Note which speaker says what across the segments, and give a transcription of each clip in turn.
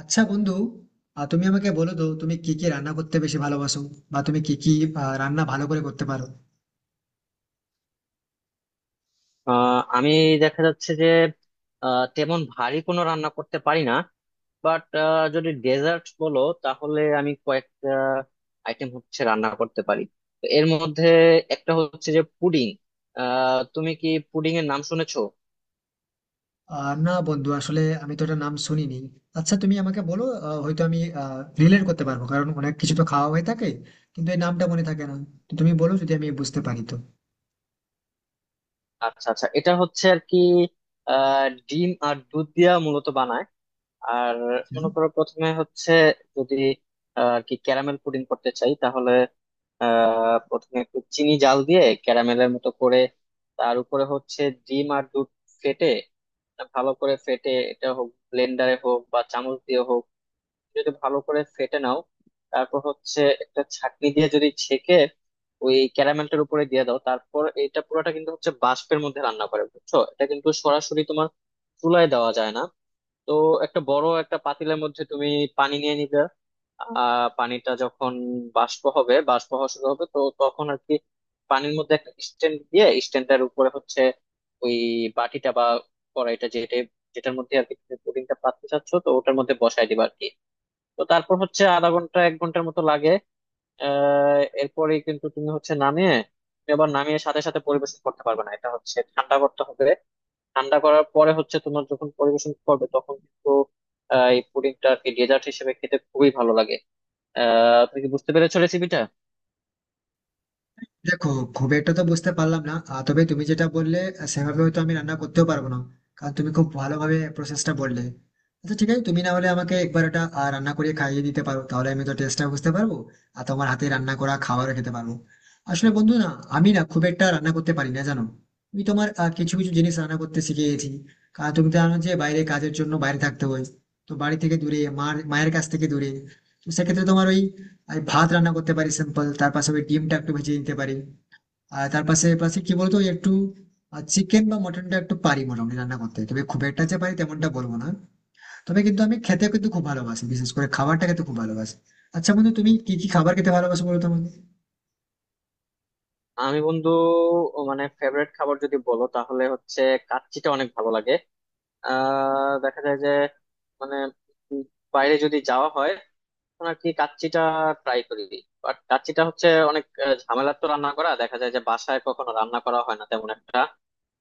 Speaker 1: আচ্ছা বন্ধু, তুমি আমাকে বলো তো তুমি কি কি রান্না করতে বেশি ভালোবাসো, বা তুমি কি কি রান্না ভালো করে করতে পারো?
Speaker 2: আমি দেখা যাচ্ছে যে তেমন ভারী কোনো রান্না করতে পারি না। বাট যদি ডেজার্ট বলো তাহলে আমি কয়েকটা আইটেম হচ্ছে রান্না করতে পারি। তো এর মধ্যে একটা হচ্ছে যে পুডিং। তুমি কি পুডিং এর নাম শুনেছো?
Speaker 1: আর না বন্ধু, আসলে আমি তো এটা নাম শুনিনি। আচ্ছা তুমি আমাকে বলো, হয়তো আমি রিলেট করতে পারবো, কারণ অনেক কিছু তো খাওয়া হয়ে থাকে, কিন্তু এই নামটা মনে থাকে না। তো তুমি বলো, যদি আমি বুঝতে পারি তো।
Speaker 2: আচ্ছা আচ্ছা এটা হচ্ছে আর কি ডিম আর দুধ দিয়া মূলত বানায়। আর মনে করো প্রথমে হচ্ছে যদি আর কি ক্যারামেল পুডিং করতে চাই তাহলে প্রথমে একটু চিনি জাল দিয়ে ক্যারামেলের মতো করে তার উপরে হচ্ছে ডিম আর দুধ ফেটে, ভালো করে ফেটে, এটা হোক ব্লেন্ডারে হোক বা চামচ দিয়ে হোক, যদি ভালো করে ফেটে নাও, তারপর হচ্ছে একটা ছাঁকনি দিয়ে যদি ছেঁকে ওই ক্যারামেলটার উপরে দিয়ে দাও, তারপর এটা পুরোটা কিন্তু হচ্ছে বাষ্পের মধ্যে রান্না করে, বুঝছো? এটা কিন্তু সরাসরি তোমার চুলায় দেওয়া যায় না। তো একটা বড় একটা পাতিলের মধ্যে তুমি পানি নিয়ে নিবে। পানিটা যখন বাষ্প হবে, বাষ্প হওয়া শুরু হবে, তো তখন আর কি পানির মধ্যে একটা স্ট্যান্ড দিয়ে স্ট্যান্ডটার উপরে হচ্ছে ওই বাটিটা বা কড়াইটা যেটা, যেটার মধ্যে আর কি তুমি পুডিংটা পাততে চাচ্ছ, তো ওটার মধ্যে বসায় দিবা আর কি। তো তারপর হচ্ছে আধা ঘন্টা এক ঘন্টার মতো লাগে। এরপরে কিন্তু তুমি হচ্ছে নামিয়ে, তুমি আবার নামিয়ে সাথে সাথে পরিবেশন করতে পারবে না, এটা হচ্ছে ঠান্ডা করতে হবে। ঠান্ডা করার পরে হচ্ছে তোমার যখন পরিবেশন করবে তখন কিন্তু এই পুডিংটা আর কি ডেজার্ট হিসেবে খেতে খুবই ভালো লাগে। তুমি কি বুঝতে পেরেছো রেসিপিটা?
Speaker 1: দেখো, খুব একটা তো বুঝতে পারলাম না, তবে তুমি যেটা বললে, সেভাবে হয়তো আমি রান্না করতেও পারবো না, কারণ তুমি খুব ভালোভাবে প্রসেসটা বললে। আচ্ছা ঠিক আছে, তুমি না হলে আমাকে একবার এটা রান্না করে খাইয়ে দিতে পারো, তাহলে আমি তো টেস্টটা বুঝতে পারবো, আর তোমার হাতে রান্না করা খাবারও খেতে পারবো। আসলে বন্ধু না, আমি না খুব একটা রান্না করতে পারি না, জানো। আমি তোমার কিছু কিছু জিনিস রান্না করতে শিখে গেছি, কারণ তুমি তো জানো যে বাইরে কাজের জন্য বাইরে থাকতে হয়। তো বাড়ি থেকে দূরে, মায়ের কাছ থেকে দূরে, তো সেক্ষেত্রে তোমার ওই আমি ভাত রান্না করতে পারি সিম্পল, তার পাশে ওই ডিমটা একটু ভেজে নিতে পারি। আর তার পাশে পাশে কি বলতো, ওই একটু চিকেন বা মটনটা একটু পারি মোটামুটি রান্না করতে, তবে খুব একটা যে পারি তেমনটা বলবো না। তবে কিন্তু আমি খেতে কিন্তু খুব ভালোবাসি, বিশেষ করে খাবারটা খেতে খুব ভালোবাসি। আচ্ছা বন্ধু, তুমি কি কি খাবার খেতে ভালোবাসো, বলো তো আমাকে।
Speaker 2: আমি বন্ধু ও মানে ফেভারিট খাবার যদি বলো তাহলে হচ্ছে কাচ্চিটা অনেক ভালো লাগে। দেখা যায় যে, মানে, উম বাইরে যদি যাওয়া হয় তখন আর কি কাচ্চিটা ট্রাই করি। বাট কাচ্চিটা হচ্ছে অনেক ঝামেলার, তো রান্না করা দেখা যায় যে বাসায় কখনো রান্না করা হয় না তেমন একটা।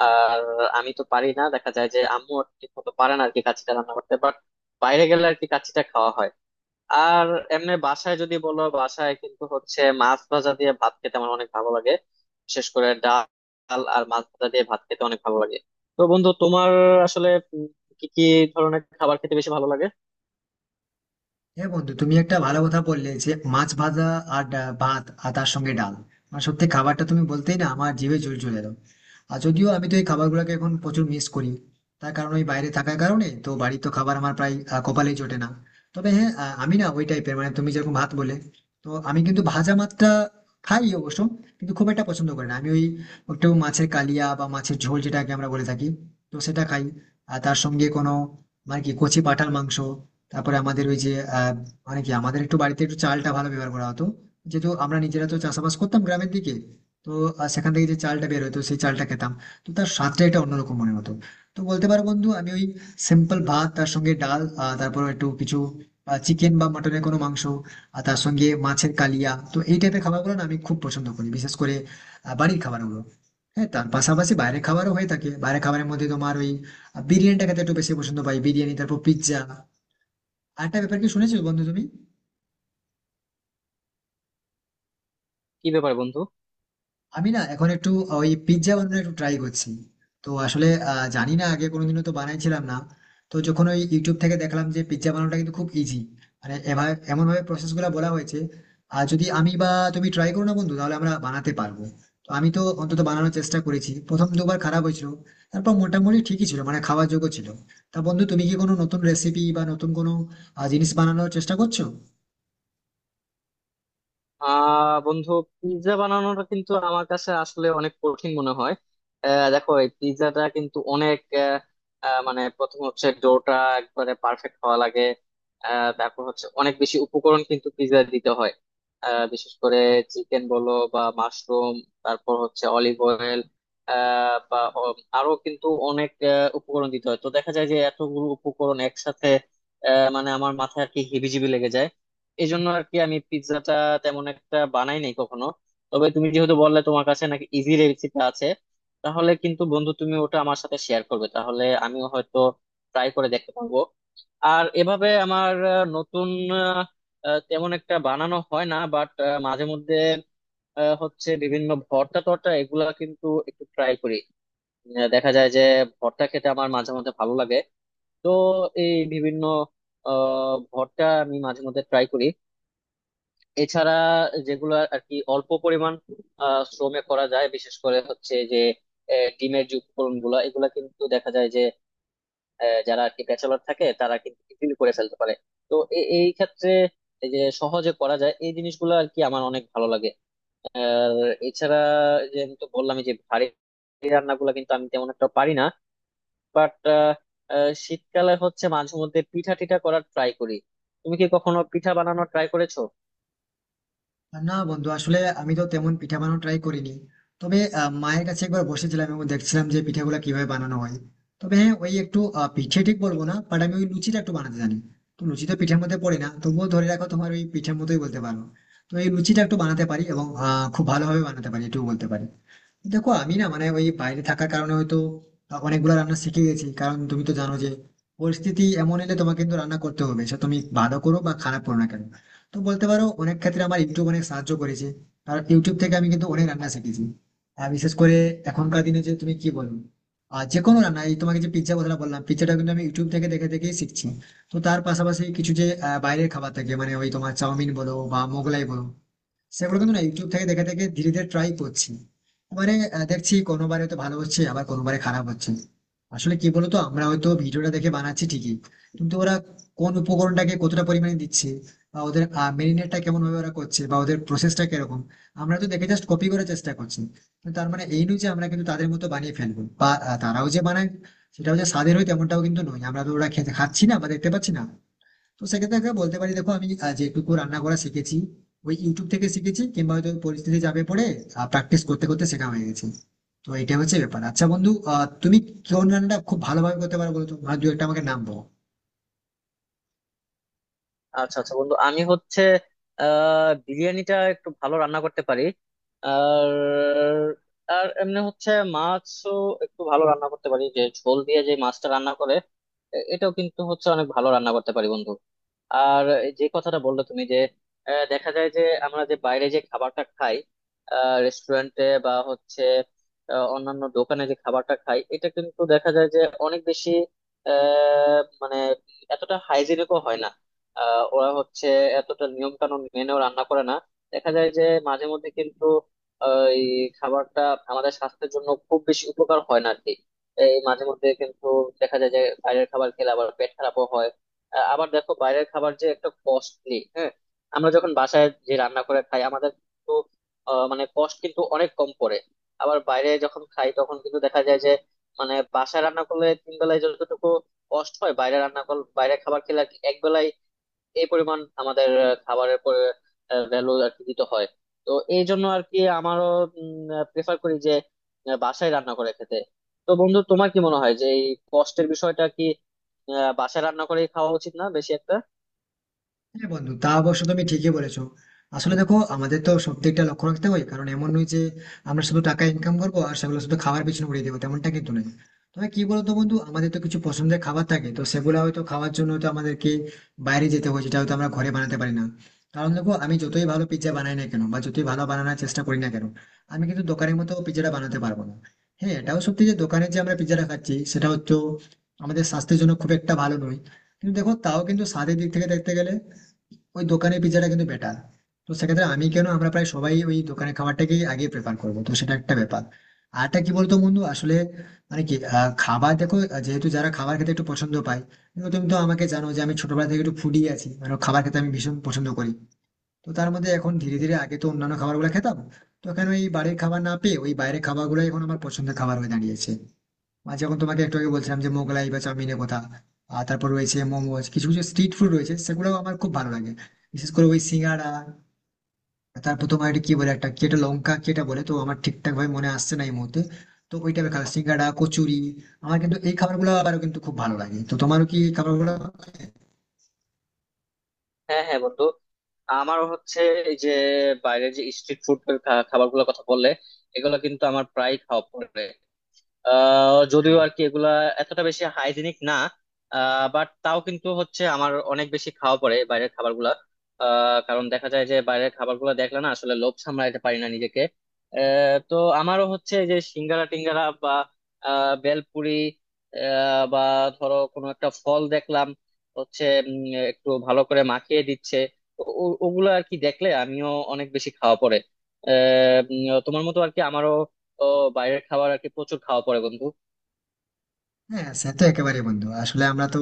Speaker 2: আর আমি তো পারি না, দেখা যায় যে আম্মু ঠিক মতো পারে না আর কি কাচ্চিটা রান্না করতে। বাট বাইরে গেলে আর কি কাচ্চিটা খাওয়া হয়। আর এমনি বাসায় যদি বলো, বাসায় কিন্তু হচ্ছে মাছ ভাজা দিয়ে ভাত খেতে আমার অনেক ভালো লাগে। বিশেষ করে ডাল আর মাছ ভাজা দিয়ে ভাত খেতে অনেক ভালো লাগে। তো বন্ধু তোমার আসলে উম, কি কি ধরনের খাবার খেতে বেশি ভালো লাগে?
Speaker 1: হ্যাঁ বন্ধু, তুমি একটা ভালো কথা বললে, যে মাছ ভাজা আর ভাত আর তার সঙ্গে ডাল। মানে সত্যি, খাবারটা তুমি বলতেই না আমার জিভে জল চলে এলো। আর যদিও আমি তো এই খাবারগুলোকে এখন প্রচুর মিস করি, তার কারণ ওই বাইরে থাকার কারণে তো বাড়ির তো খাবার আমার প্রায় কপালেই জোটে না। তবে হ্যাঁ, আমি না ওই টাইপের, মানে তুমি যেরকম ভাত বলে, তো আমি কিন্তু ভাজা মাছটা খাই অবশ্য, কিন্তু খুব একটা পছন্দ করি না আমি ওই। একটু মাছের কালিয়া বা মাছের ঝোল যেটাকে আমরা বলে থাকি, তো সেটা খাই। আর তার সঙ্গে কোনো মানে কি কচি পাঁঠার মাংস, তারপরে আমাদের ওই যে আহ মানে কি আমাদের একটু বাড়িতে একটু চালটা ভালো ব্যবহার করা হতো, যেহেতু আমরা নিজেরা তো চাষাবাস করতাম গ্রামের দিকে। তো সেখান থেকে যে চালটা বের হতো, সেই চালটা খেতাম, তো তার স্বাদটা এটা অন্যরকম মনে হতো। তো বলতে পারো বন্ধু, আমি ওই সিম্পল ভাত, তার সঙ্গে ডাল, তারপর একটু কিছু চিকেন বা মটনের কোনো মাংস, আর তার সঙ্গে মাছের কালিয়া, তো এই টাইপের খাবারগুলো না আমি খুব পছন্দ করি, বিশেষ করে বাড়ির খাবারগুলো। হ্যাঁ তার পাশাপাশি বাইরের খাবারও হয়ে থাকে। বাইরের খাবারের মধ্যে তোমার ওই বিরিয়ানিটা খেতে একটু বেশি পছন্দ পাই, বিরিয়ানি, তারপর পিৎজা। আরেকটা ব্যাপার কি শুনেছো বন্ধু তুমি,
Speaker 2: কি ব্যাপার বন্ধু?
Speaker 1: আমি না এখন একটু ওই পিৎজা বানানোর একটু ট্রাই করছি। তো আসলে জানি না, আগে কোনোদিনও তো বানাইছিলাম না। তো যখন ওই ইউটিউব থেকে দেখলাম যে পিৎজা বানানোটা কিন্তু খুব ইজি, মানে এভাবে এমন ভাবে প্রসেস গুলো বলা হয়েছে, আর যদি আমি বা তুমি ট্রাই করো না বন্ধু, তাহলে আমরা বানাতে পারবো। তো আমি তো অন্তত বানানোর চেষ্টা করেছি, প্রথম দুবার খারাপ হয়েছিল, তারপর মোটামুটি ঠিকই ছিল, মানে খাওয়ার যোগ্য ছিল। তা বন্ধু, তুমি কি কোনো নতুন রেসিপি বা নতুন কোনো জিনিস বানানোর চেষ্টা করছো?
Speaker 2: বন্ধু, পিৎজা বানানোটা কিন্তু আমার কাছে আসলে অনেক কঠিন মনে হয়। দেখো এই পিৎজাটা কিন্তু অনেক আহ, আহ, মানে প্রথম হচ্ছে ডোটা একবারে পারফেক্ট হওয়া লাগে। তারপর হচ্ছে অনেক বেশি উপকরণ কিন্তু পিৎজা দিতে হয়। বিশেষ করে চিকেন বলো বা মাশরুম, তারপর হচ্ছে অলিভ অয়েল বা আরো কিন্তু অনেক উপকরণ দিতে হয়। তো দেখা যায় যে এতগুলো উপকরণ একসাথে মানে আমার মাথায় আর কি হিবিজিবি লেগে যায়। এই জন্য আর কি আমি পিৎজাটা তেমন একটা বানাই নাই কখনো। তবে তুমি যেহেতু বললে তোমার কাছে নাকি ইজি রেসিপি আছে, তাহলে কিন্তু বন্ধু তুমি ওটা আমার সাথে শেয়ার করবে, তাহলে আমিও হয়তো ট্রাই করে দেখতে পারবো। আর এভাবে আমার আহ, নতুন আহ, আহ, তেমন একটা বানানো হয় না। বাট মাঝে মধ্যে হচ্ছে বিভিন্ন ভর্তা টর্তা এগুলা কিন্তু একটু ট্রাই করি। দেখা যায় যে ভর্তা খেতে আমার মাঝে মধ্যে ভালো লাগে। তো এই বিভিন্ন ভর্তা আমি মাঝে মধ্যে ট্রাই করি। এছাড়া যেগুলো আর কি অল্প পরিমাণ শ্রমে করা যায়, বিশেষ করে হচ্ছে যে ডিমের যে উপকরণ গুলা, এগুলা কিন্তু দেখা যায় যে যারা আর কি ব্যাচেলর থাকে তারা কিন্তু বিক্রি করে ফেলতে পারে। তো এই ক্ষেত্রে এই যে সহজে করা যায় এই জিনিসগুলো আর কি আমার অনেক ভালো লাগে। আর এছাড়া যে আমি তো বললাম যে ভারী রান্নাগুলো কিন্তু আমি তেমন একটা পারি না। বাট শীতকালে হচ্ছে মাঝে মধ্যে পিঠা টিঠা করার ট্রাই করি। তুমি কি কখনো পিঠা বানানোর ট্রাই করেছো?
Speaker 1: না বন্ধু, আসলে আমি তো তেমন পিঠা বানানো ট্রাই করিনি। তবে মায়ের কাছে একবার বসেছিলাম এবং দেখছিলাম যে পিঠাগুলো কিভাবে বানানো হয়। তবে হ্যাঁ, ওই একটু পিঠে ঠিক বলবো না, বাট আমি ওই লুচিটা একটু বানাতে জানি। তো লুচি তো পিঠার মধ্যে পড়ে না, তবুও ধরে রাখো তোমার ওই পিঠের মতোই বলতে পারো। তো এই লুচিটা একটু বানাতে পারি এবং খুব ভালোভাবে বানাতে পারি, এটুকু বলতে পারি। দেখো আমি না মানে ওই বাইরে থাকার কারণে হয়তো অনেকগুলো রান্না শিখে গেছি, কারণ তুমি তো জানো যে পরিস্থিতি এমন এলে তোমাকে কিন্তু রান্না করতে হবে, সে তুমি ভালো করো বা খারাপ করো না কেন। তো বলতে পারো, অনেক ক্ষেত্রে আমার ইউটিউব অনেক সাহায্য করেছে, কারণ ইউটিউব থেকে আমি কিন্তু অনেক রান্না শিখেছি। আর বিশেষ করে এখনকার দিনে, যে তুমি কি বলো, আর যে কোনো রান্না, এই তোমাকে যে পিৎজা কথা বললাম, পিৎজাটা কিন্তু আমি ইউটিউব থেকে দেখে দেখেই শিখছি। তো তার পাশাপাশি কিছু যে বাইরের খাবার থাকে, মানে ওই তোমার চাউমিন বলো বা মোগলাই বলো, সেগুলো কিন্তু না ইউটিউব থেকে দেখে দেখে ধীরে ধীরে ট্রাই করছি। মানে দেখছি কোনোবারে তো ভালো হচ্ছে, আবার কোনোবারে খারাপ হচ্ছে। আসলে কি বলতো, আমরা হয়তো ভিডিওটা দেখে বানাচ্ছি ঠিকই, কিন্তু ওরা কোন উপকরণটাকে কতটা পরিমাণে দিচ্ছে, বা ওদের মেরিনেটটা কেমন ভাবে ওরা করছে, বা ওদের প্রসেসটা কিরকম, আমরা তো দেখে জাস্ট কপি করার চেষ্টা করছি। কিন্তু তার মানে এই নয় যে আমরা কিন্তু তাদের মতো বানিয়ে ফেলবো, বা তারাও যে বানায় সেটাও যে স্বাদের হয় তেমনটাও কিন্তু নয়, আমরা তো ওরা খেতে খাচ্ছি না বা দেখতে পাচ্ছি না। তো সেক্ষেত্রে একটা বলতে পারি, দেখো আমি যেটুকু রান্না করা শিখেছি, ওই ইউটিউব থেকে শিখেছি কিংবা হয়তো পরিস্থিতি চাপে পড়ে প্র্যাকটিস করতে করতে শেখা হয়ে গেছে। তো এটা হচ্ছে ব্যাপার। আচ্ছা বন্ধু, তুমি কোন রান্নাটা খুব ভালোভাবে করতে পারো, বলো তো, আর দু একটা আমাকে নাম বলো।
Speaker 2: আচ্ছা আচ্ছা বন্ধু আমি হচ্ছে বিরিয়ানিটা একটু ভালো রান্না করতে পারি। আর আর এমনি হচ্ছে মাছও একটু ভালো রান্না করতে পারি, যে ঝোল দিয়ে যে মাছটা রান্না করে এটাও কিন্তু হচ্ছে অনেক ভালো রান্না করতে পারি বন্ধু। আর যে কথাটা বললে তুমি যে দেখা যায় যে আমরা যে বাইরে যে খাবারটা খাই, রেস্টুরেন্টে বা হচ্ছে অন্যান্য দোকানে যে খাবারটা খাই, এটা কিন্তু দেখা যায় যে অনেক বেশি মানে এতটা হাইজিনিকও হয় না। ওরা হচ্ছে এতটা নিয়ম কানুন মেনেও রান্না করে না। দেখা যায় যে মাঝে মধ্যে কিন্তু এই খাবারটা আমাদের স্বাস্থ্যের জন্য খুব বেশি উপকার হয় না আর কি। এই মাঝে মধ্যে কিন্তু দেখা যায় যে বাইরের খাবার খেলে আবার পেট খারাপও হয়। আবার দেখো বাইরের খাবার যে একটা কস্টলি, হ্যাঁ। আমরা যখন বাসায় যে রান্না করে খাই, আমাদের কিন্তু মানে কষ্ট কিন্তু অনেক কম পড়ে। আবার বাইরে যখন খাই তখন কিন্তু দেখা যায় যে মানে বাসায় রান্না করলে তিন বেলায় যতটুকু কষ্ট হয়, বাইরে রান্না করলে, বাইরে খাবার খেলে আর কি এক বেলায় এই পরিমাণ আমাদের খাবারের পরে ভ্যালু আর কি দিতে হয়। তো এই জন্য আর কি আমারও প্রেফার করি যে বাসায় রান্না করে খেতে। তো বন্ধু তোমার কি মনে হয় যে এই কষ্টের বিষয়টা কি বাসায় রান্না করে খাওয়া উচিত না বেশি একটা?
Speaker 1: হ্যাঁ বন্ধু, তা অবশ্য তুমি ঠিকই বলেছো। আসলে দেখো, আমাদের তো সব দিকটা লক্ষ্য রাখতে হয়, কারণ এমন নয় যে আমরা শুধু টাকা ইনকাম করবো আর সেগুলো শুধু খাবার পিছনে উড়িয়ে দেবো, তেমনটা কিন্তু নয়। তবে কি বলতো বন্ধু, আমাদের তো কিছু পছন্দের খাবার থাকে, তো সেগুলো হয়তো খাওয়ার জন্য তো আমাদেরকে বাইরে যেতে হয়, যেটা হয়তো আমরা ঘরে বানাতে পারি না। কারণ দেখো, আমি যতই ভালো পিৎজা বানাই না কেন, বা যতই ভালো বানানোর চেষ্টা করি না কেন, আমি কিন্তু দোকানের মতো পিৎজাটা বানাতে পারবো না। হ্যাঁ এটাও সত্যি যে দোকানে যে আমরা পিৎজাটা খাচ্ছি, সেটা হচ্ছে আমাদের স্বাস্থ্যের জন্য খুব একটা ভালো নয়। কিন্তু দেখো, তাও কিন্তু স্বাদের দিক থেকে দেখতে গেলে ওই দোকানের পিৎজাটা কিন্তু বেটার। তো সেক্ষেত্রে আমি কেন, আমরা প্রায় সবাই ওই দোকানের খাবারটাকেই আগে প্রেফার করবো, তো সেটা একটা ব্যাপার। আর একটা কি বলতো বন্ধু, আসলে মানে কি খাবার দেখো, যেহেতু যারা খাবার খেতে একটু পছন্দ পায়, কিন্তু তুমি তো আমাকে জানো যে আমি ছোটবেলা থেকে একটু ফুডি আছি, মানে খাবার খেতে আমি ভীষণ পছন্দ করি। তো তার মধ্যে এখন ধীরে ধীরে, আগে তো অন্যান্য খাবারগুলো খেতাম, তো এখন ওই বাড়ির খাবার না পেয়ে ওই বাইরের খাবারগুলোই এখন আমার পছন্দের খাবার হয়ে দাঁড়িয়েছে। আর যেমন তোমাকে একটু আগে বলছিলাম যে মোগলাই বা চাউমিনের কথা, আর তারপর রয়েছে মোমোজ, কিছু কিছু স্ট্রিট ফুড রয়েছে সেগুলো আমার খুব ভালো লাগে, বিশেষ করে ওই সিঙ্গাড়া। তারপর তোমার এটা কি বলে, একটা কি এটা লঙ্কা কি এটা বলে, তো আমার ঠিকঠাক ভাবে মনে আসছে না এই মুহূর্তে। তো ওই টাইপের খাবার, সিঙ্গাড়া, কচুরি, আমার কিন্তু এই খাবারগুলো আবারও কিন্তু খুব ভালো লাগে, তো তোমারও কি এই খাবারগুলো?
Speaker 2: হ্যাঁ হ্যাঁ বন্ধু, আমারও হচ্ছে এই যে বাইরে যে স্ট্রিট ফুড খাবার গুলোর কথা বললে, এগুলো কিন্তু আমার প্রায় খাওয়া পড়ে। যদিও আর কি এগুলা এতটা বেশি হাইজিনিক না, বাট তাও কিন্তু হচ্ছে আমার অনেক বেশি খাওয়া পড়ে বাইরের খাবারগুলা। কারণ দেখা যায় যে বাইরের খাবারগুলো দেখলে না আসলে লোভ সামলাইতে পারি না নিজেকে। তো আমারও হচ্ছে এই যে সিঙ্গারা টিঙ্গারা বা বেলপুরি বা ধরো কোনো একটা ফল দেখলাম হচ্ছে, একটু ভালো করে মাখিয়ে দিচ্ছে, তো ওগুলো আর কি দেখলে আমিও অনেক বেশি খাওয়া পড়ে। তোমার মতো আর কি আমারও তো বাইরের খাবার আর কি প্রচুর খাওয়া পড়ে বন্ধু।
Speaker 1: হ্যাঁ সে তো একেবারে বন্ধু, আসলে আমরা তো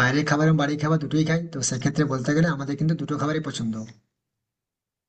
Speaker 1: বাইরের খাবার এবং বাড়ির খাবার দুটোই খাই, তো সেক্ষেত্রে বলতে গেলে আমাদের কিন্তু দুটো খাবারই পছন্দ।